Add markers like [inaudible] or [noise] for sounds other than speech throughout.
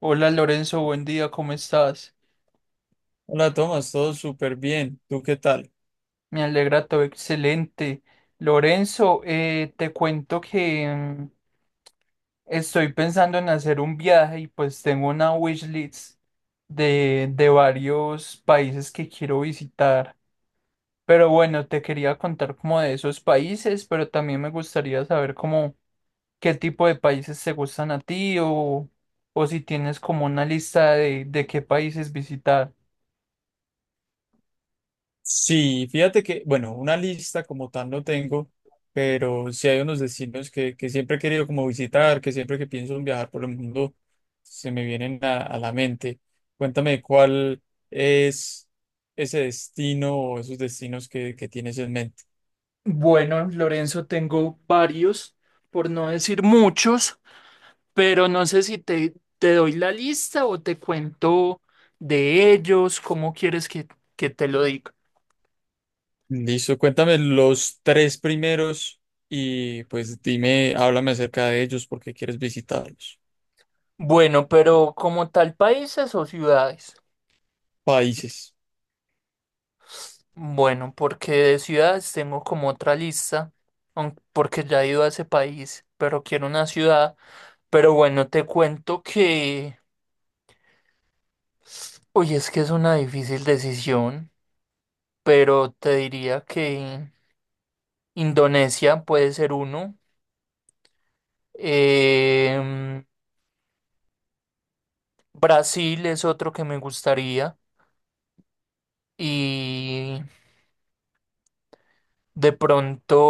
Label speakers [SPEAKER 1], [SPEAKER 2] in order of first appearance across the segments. [SPEAKER 1] Hola Lorenzo, buen día, ¿cómo estás?
[SPEAKER 2] Hola, Tomás, todo súper bien. ¿Tú qué tal?
[SPEAKER 1] Me alegra todo, excelente. Lorenzo, te cuento que estoy pensando en hacer un viaje y pues tengo una wishlist de varios países que quiero visitar. Pero bueno, te quería contar como de esos países, pero también me gustaría saber cómo qué tipo de países te gustan a ti o si tienes como una lista de qué países visitar.
[SPEAKER 2] Sí, fíjate que, bueno, una lista como tal no tengo, pero sí hay unos destinos que siempre he querido como visitar, que siempre que pienso en viajar por el mundo se me vienen a la mente. Cuéntame cuál es ese destino o esos destinos que tienes en mente.
[SPEAKER 1] Bueno, Lorenzo, tengo varios, por no decir muchos, pero no sé si te doy la lista o te cuento de ellos, cómo quieres que te lo diga.
[SPEAKER 2] Listo, cuéntame los tres primeros y pues dime, háblame acerca de ellos porque quieres visitarlos.
[SPEAKER 1] Bueno, pero como tal, ¿países o ciudades?
[SPEAKER 2] Países.
[SPEAKER 1] Bueno, porque de ciudades tengo como otra lista, porque ya he ido a ese país, pero quiero una ciudad. Pero bueno, te cuento que, oye, es que es una difícil decisión, pero te diría que Indonesia puede ser uno. Em, Brasil es otro que me gustaría. Y de pronto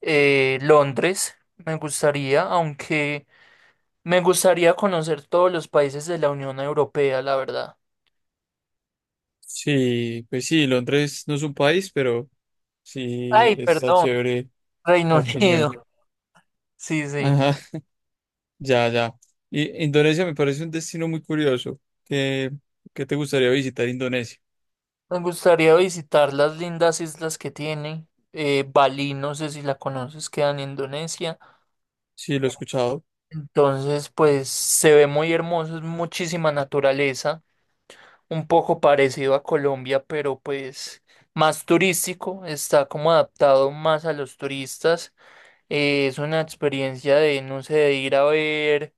[SPEAKER 1] Londres me gustaría, aunque me gustaría conocer todos los países de la Unión Europea, la verdad.
[SPEAKER 2] Sí, pues sí, Londres no es un país, pero sí
[SPEAKER 1] Ay,
[SPEAKER 2] está
[SPEAKER 1] perdón,
[SPEAKER 2] chévere
[SPEAKER 1] Reino
[SPEAKER 2] la
[SPEAKER 1] [laughs] Unido.
[SPEAKER 2] opinión.
[SPEAKER 1] Sí, sí.
[SPEAKER 2] Ajá, [laughs] ya, ya. Y Indonesia me parece un destino muy curioso. ¿Qué te gustaría visitar Indonesia?
[SPEAKER 1] Me gustaría visitar las lindas islas que tiene. Bali, no sé si la conoces, queda en Indonesia.
[SPEAKER 2] Sí, lo he escuchado.
[SPEAKER 1] Entonces, pues se ve muy hermoso, es muchísima naturaleza, un poco parecido a Colombia, pero pues más turístico, está como adaptado más a los turistas. Es una experiencia de, no sé, de ir a ver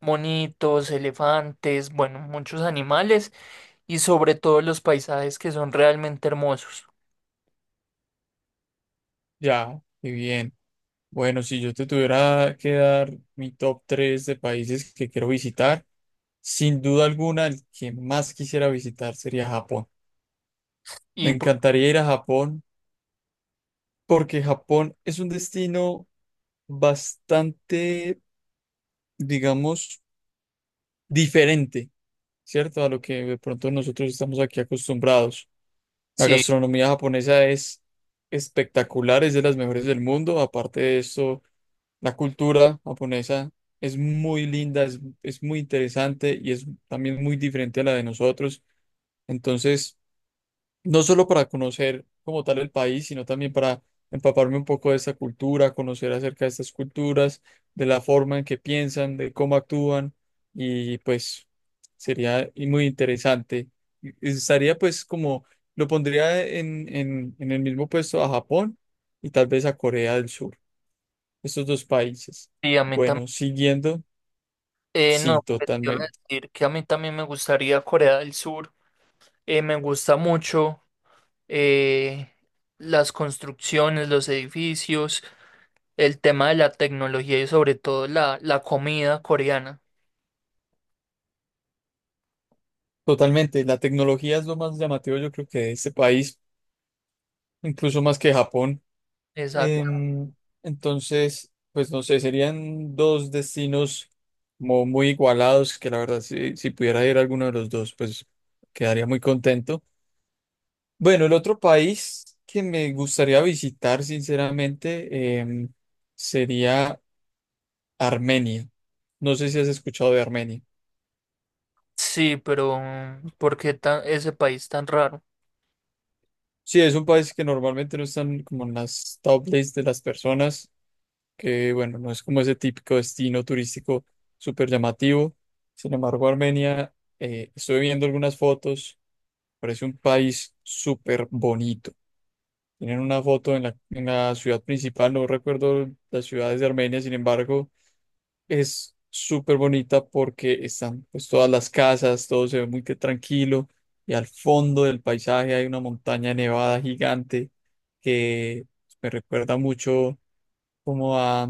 [SPEAKER 1] monitos, elefantes, bueno, muchos animales, y sobre todo los paisajes que son realmente hermosos.
[SPEAKER 2] Ya, qué bien. Bueno, si yo te tuviera que dar mi top 3 de países que quiero visitar, sin duda alguna el que más quisiera visitar sería Japón. Me
[SPEAKER 1] Y pues,
[SPEAKER 2] encantaría ir a Japón porque Japón es un destino bastante, digamos, diferente, ¿cierto? A lo que de pronto nosotros estamos aquí acostumbrados. La
[SPEAKER 1] sí,
[SPEAKER 2] gastronomía japonesa es espectacular, es de las mejores del mundo. Aparte de eso, la cultura japonesa es muy linda, es muy interesante y es también muy diferente a la de nosotros. Entonces, no solo para conocer como tal el país, sino también para empaparme un poco de esta cultura, conocer acerca de estas culturas, de la forma en que piensan, de cómo actúan, y pues sería y muy interesante. Y estaría pues como, lo pondría en el mismo puesto a Japón y tal vez a Corea del Sur, estos dos países.
[SPEAKER 1] y a mí
[SPEAKER 2] Bueno, siguiendo,
[SPEAKER 1] también,
[SPEAKER 2] sí,
[SPEAKER 1] no, pues, te iba a
[SPEAKER 2] totalmente.
[SPEAKER 1] decir que a mí también me gustaría Corea del Sur. Me gusta mucho, eh, las construcciones, los edificios, el tema de la tecnología y sobre todo la comida coreana.
[SPEAKER 2] Totalmente, la tecnología es lo más llamativo yo creo que de este país, incluso más que Japón.
[SPEAKER 1] Exacto.
[SPEAKER 2] Em, entonces, pues no sé, serían dos destinos como muy igualados, que la verdad, si pudiera ir a alguno de los dos, pues quedaría muy contento. Bueno, el otro país que me gustaría visitar, sinceramente, sería Armenia. No sé si has escuchado de Armenia.
[SPEAKER 1] Sí, pero ¿por qué ese país tan raro?
[SPEAKER 2] Sí, es un país que normalmente no está como en las top lists de las personas. Que bueno, no es como ese típico destino turístico súper llamativo. Sin embargo, Armenia, estuve viendo algunas fotos, parece un país súper bonito. Tienen una foto en la ciudad principal, no recuerdo las ciudades de Armenia. Sin embargo, es súper bonita porque están pues todas las casas, todo se ve muy que tranquilo y al fondo del paisaje hay una montaña nevada gigante que me recuerda mucho como a,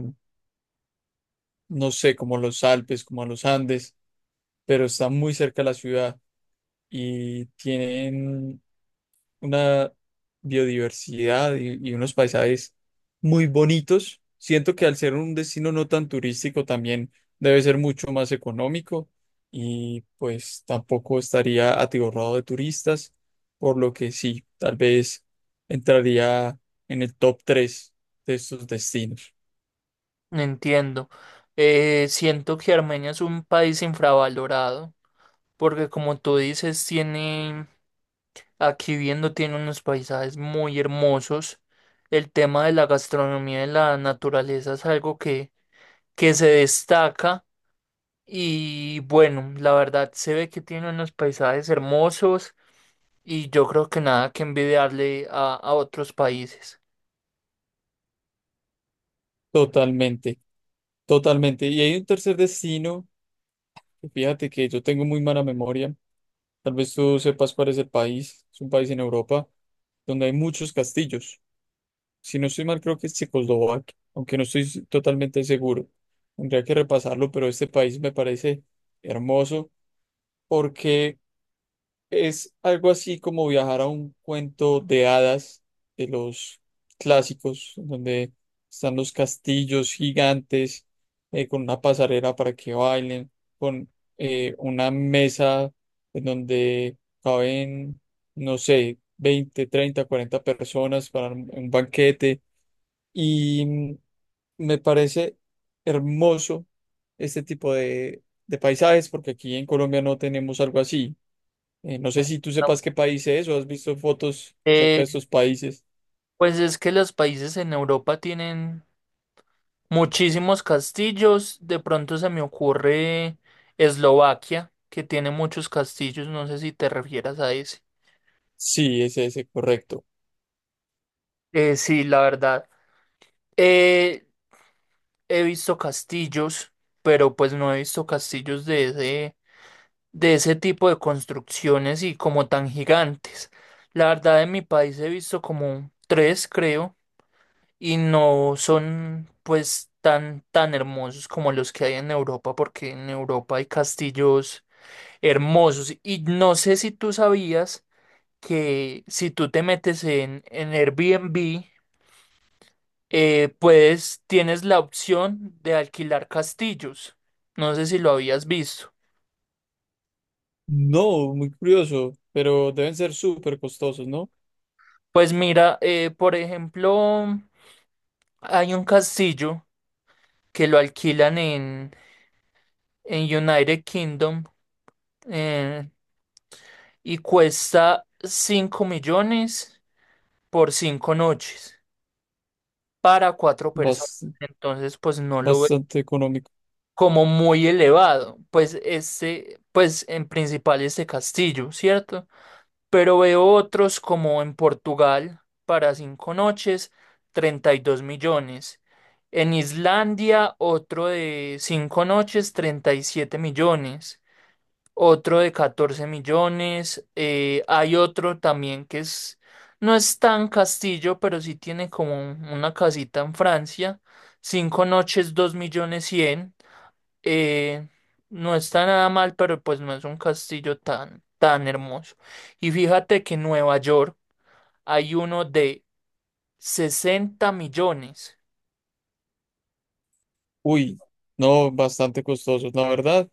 [SPEAKER 2] no sé, como los Alpes, como a los Andes, pero está muy cerca de la ciudad y tienen una biodiversidad y unos paisajes muy bonitos. Siento que al ser un destino no tan turístico también debe ser mucho más económico y pues tampoco estaría atiborrado de turistas, por lo que sí, tal vez entraría en el top 3 de estos destinos.
[SPEAKER 1] No entiendo. Siento que Armenia es un país infravalorado, porque como tú dices, tiene, aquí viendo, tiene unos paisajes muy hermosos. El tema de la gastronomía y la naturaleza es algo que se destaca. Y bueno, la verdad se ve que tiene unos paisajes hermosos, y yo creo que nada que envidiarle a otros países.
[SPEAKER 2] Totalmente, totalmente. Y hay un tercer destino. Fíjate que yo tengo muy mala memoria. Tal vez tú sepas cuál es el país. Es un país en Europa donde hay muchos castillos. Si no estoy mal, creo que es Checoslovaquia, aunque no estoy totalmente seguro. Tendría que repasarlo, pero este país me parece hermoso porque es algo así como viajar a un cuento de hadas de los clásicos, en donde están los castillos gigantes, con una pasarela para que bailen, con una mesa en donde caben, no sé, 20 30 40 personas para un banquete. Y me parece hermoso este tipo de paisajes porque aquí en Colombia no tenemos algo así. No sé si tú sepas qué país es o has visto fotos acerca de
[SPEAKER 1] Eh,
[SPEAKER 2] estos países.
[SPEAKER 1] pues es que los países en Europa tienen muchísimos castillos. De pronto se me ocurre Eslovaquia, que tiene muchos castillos. No sé si te refieras a ese.
[SPEAKER 2] Sí, es ese, correcto.
[SPEAKER 1] Sí, la verdad. Eh, he visto castillos, pero pues no he visto castillos de ese tipo de construcciones y como tan gigantes. La verdad, en mi país he visto como tres, creo. Y no son pues tan tan hermosos como los que hay en Europa, porque en Europa hay castillos hermosos, y no sé si tú sabías que si tú te metes en Airbnb, puedes, tienes la opción de alquilar castillos. No sé si lo habías visto.
[SPEAKER 2] No, muy curioso, pero deben ser súper costosos, ¿no?
[SPEAKER 1] Pues mira, por ejemplo, hay un castillo que lo alquilan en United Kingdom, eh, y cuesta 5 millones por 5 noches para 4 personas.
[SPEAKER 2] Bas-
[SPEAKER 1] Entonces, pues no lo veo
[SPEAKER 2] Bastante económico.
[SPEAKER 1] como muy elevado. Pues este, pues en principal este castillo, ¿cierto? Pero veo otros como en Portugal para 5 noches, 32 millones. En Islandia, otro de 5 noches, 37 millones. Otro de 14 millones. Hay otro también que es, no es tan castillo, pero sí tiene como una casita en Francia. 5 noches, 2 millones 100, eh, no está nada mal, pero pues no es un castillo tan, tan hermoso. Y fíjate que en Nueva York hay uno de 60 millones.
[SPEAKER 2] Uy, no, bastante costosos, la verdad.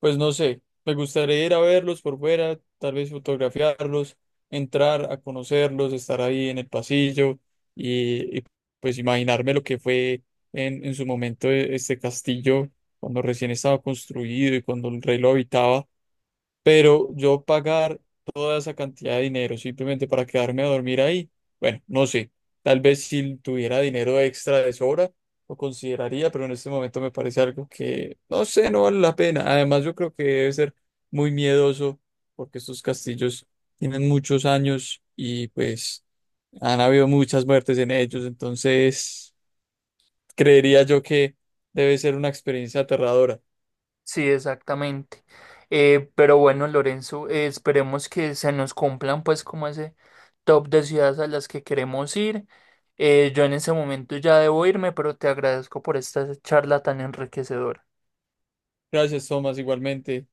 [SPEAKER 2] Pues no sé, me gustaría ir a verlos por fuera, tal vez fotografiarlos, entrar a conocerlos, estar ahí en el pasillo y, y, pues imaginarme lo que fue en su momento este castillo cuando recién estaba construido y cuando el rey lo habitaba. Pero yo pagar toda esa cantidad de dinero simplemente para quedarme a dormir ahí, bueno, no sé. Tal vez si tuviera dinero extra de sobra, lo consideraría, pero en este momento me parece algo que, no sé, no vale la pena. Además, yo creo que debe ser muy miedoso porque estos castillos tienen muchos años y pues han habido muchas muertes en ellos. Entonces, creería yo que debe ser una experiencia aterradora.
[SPEAKER 1] Sí, exactamente. Pero bueno, Lorenzo, esperemos que se nos cumplan pues como ese top de ciudades a las que queremos ir. Yo en ese momento ya debo irme, pero te agradezco por esta charla tan enriquecedora.
[SPEAKER 2] Gracias, Tomás, igualmente.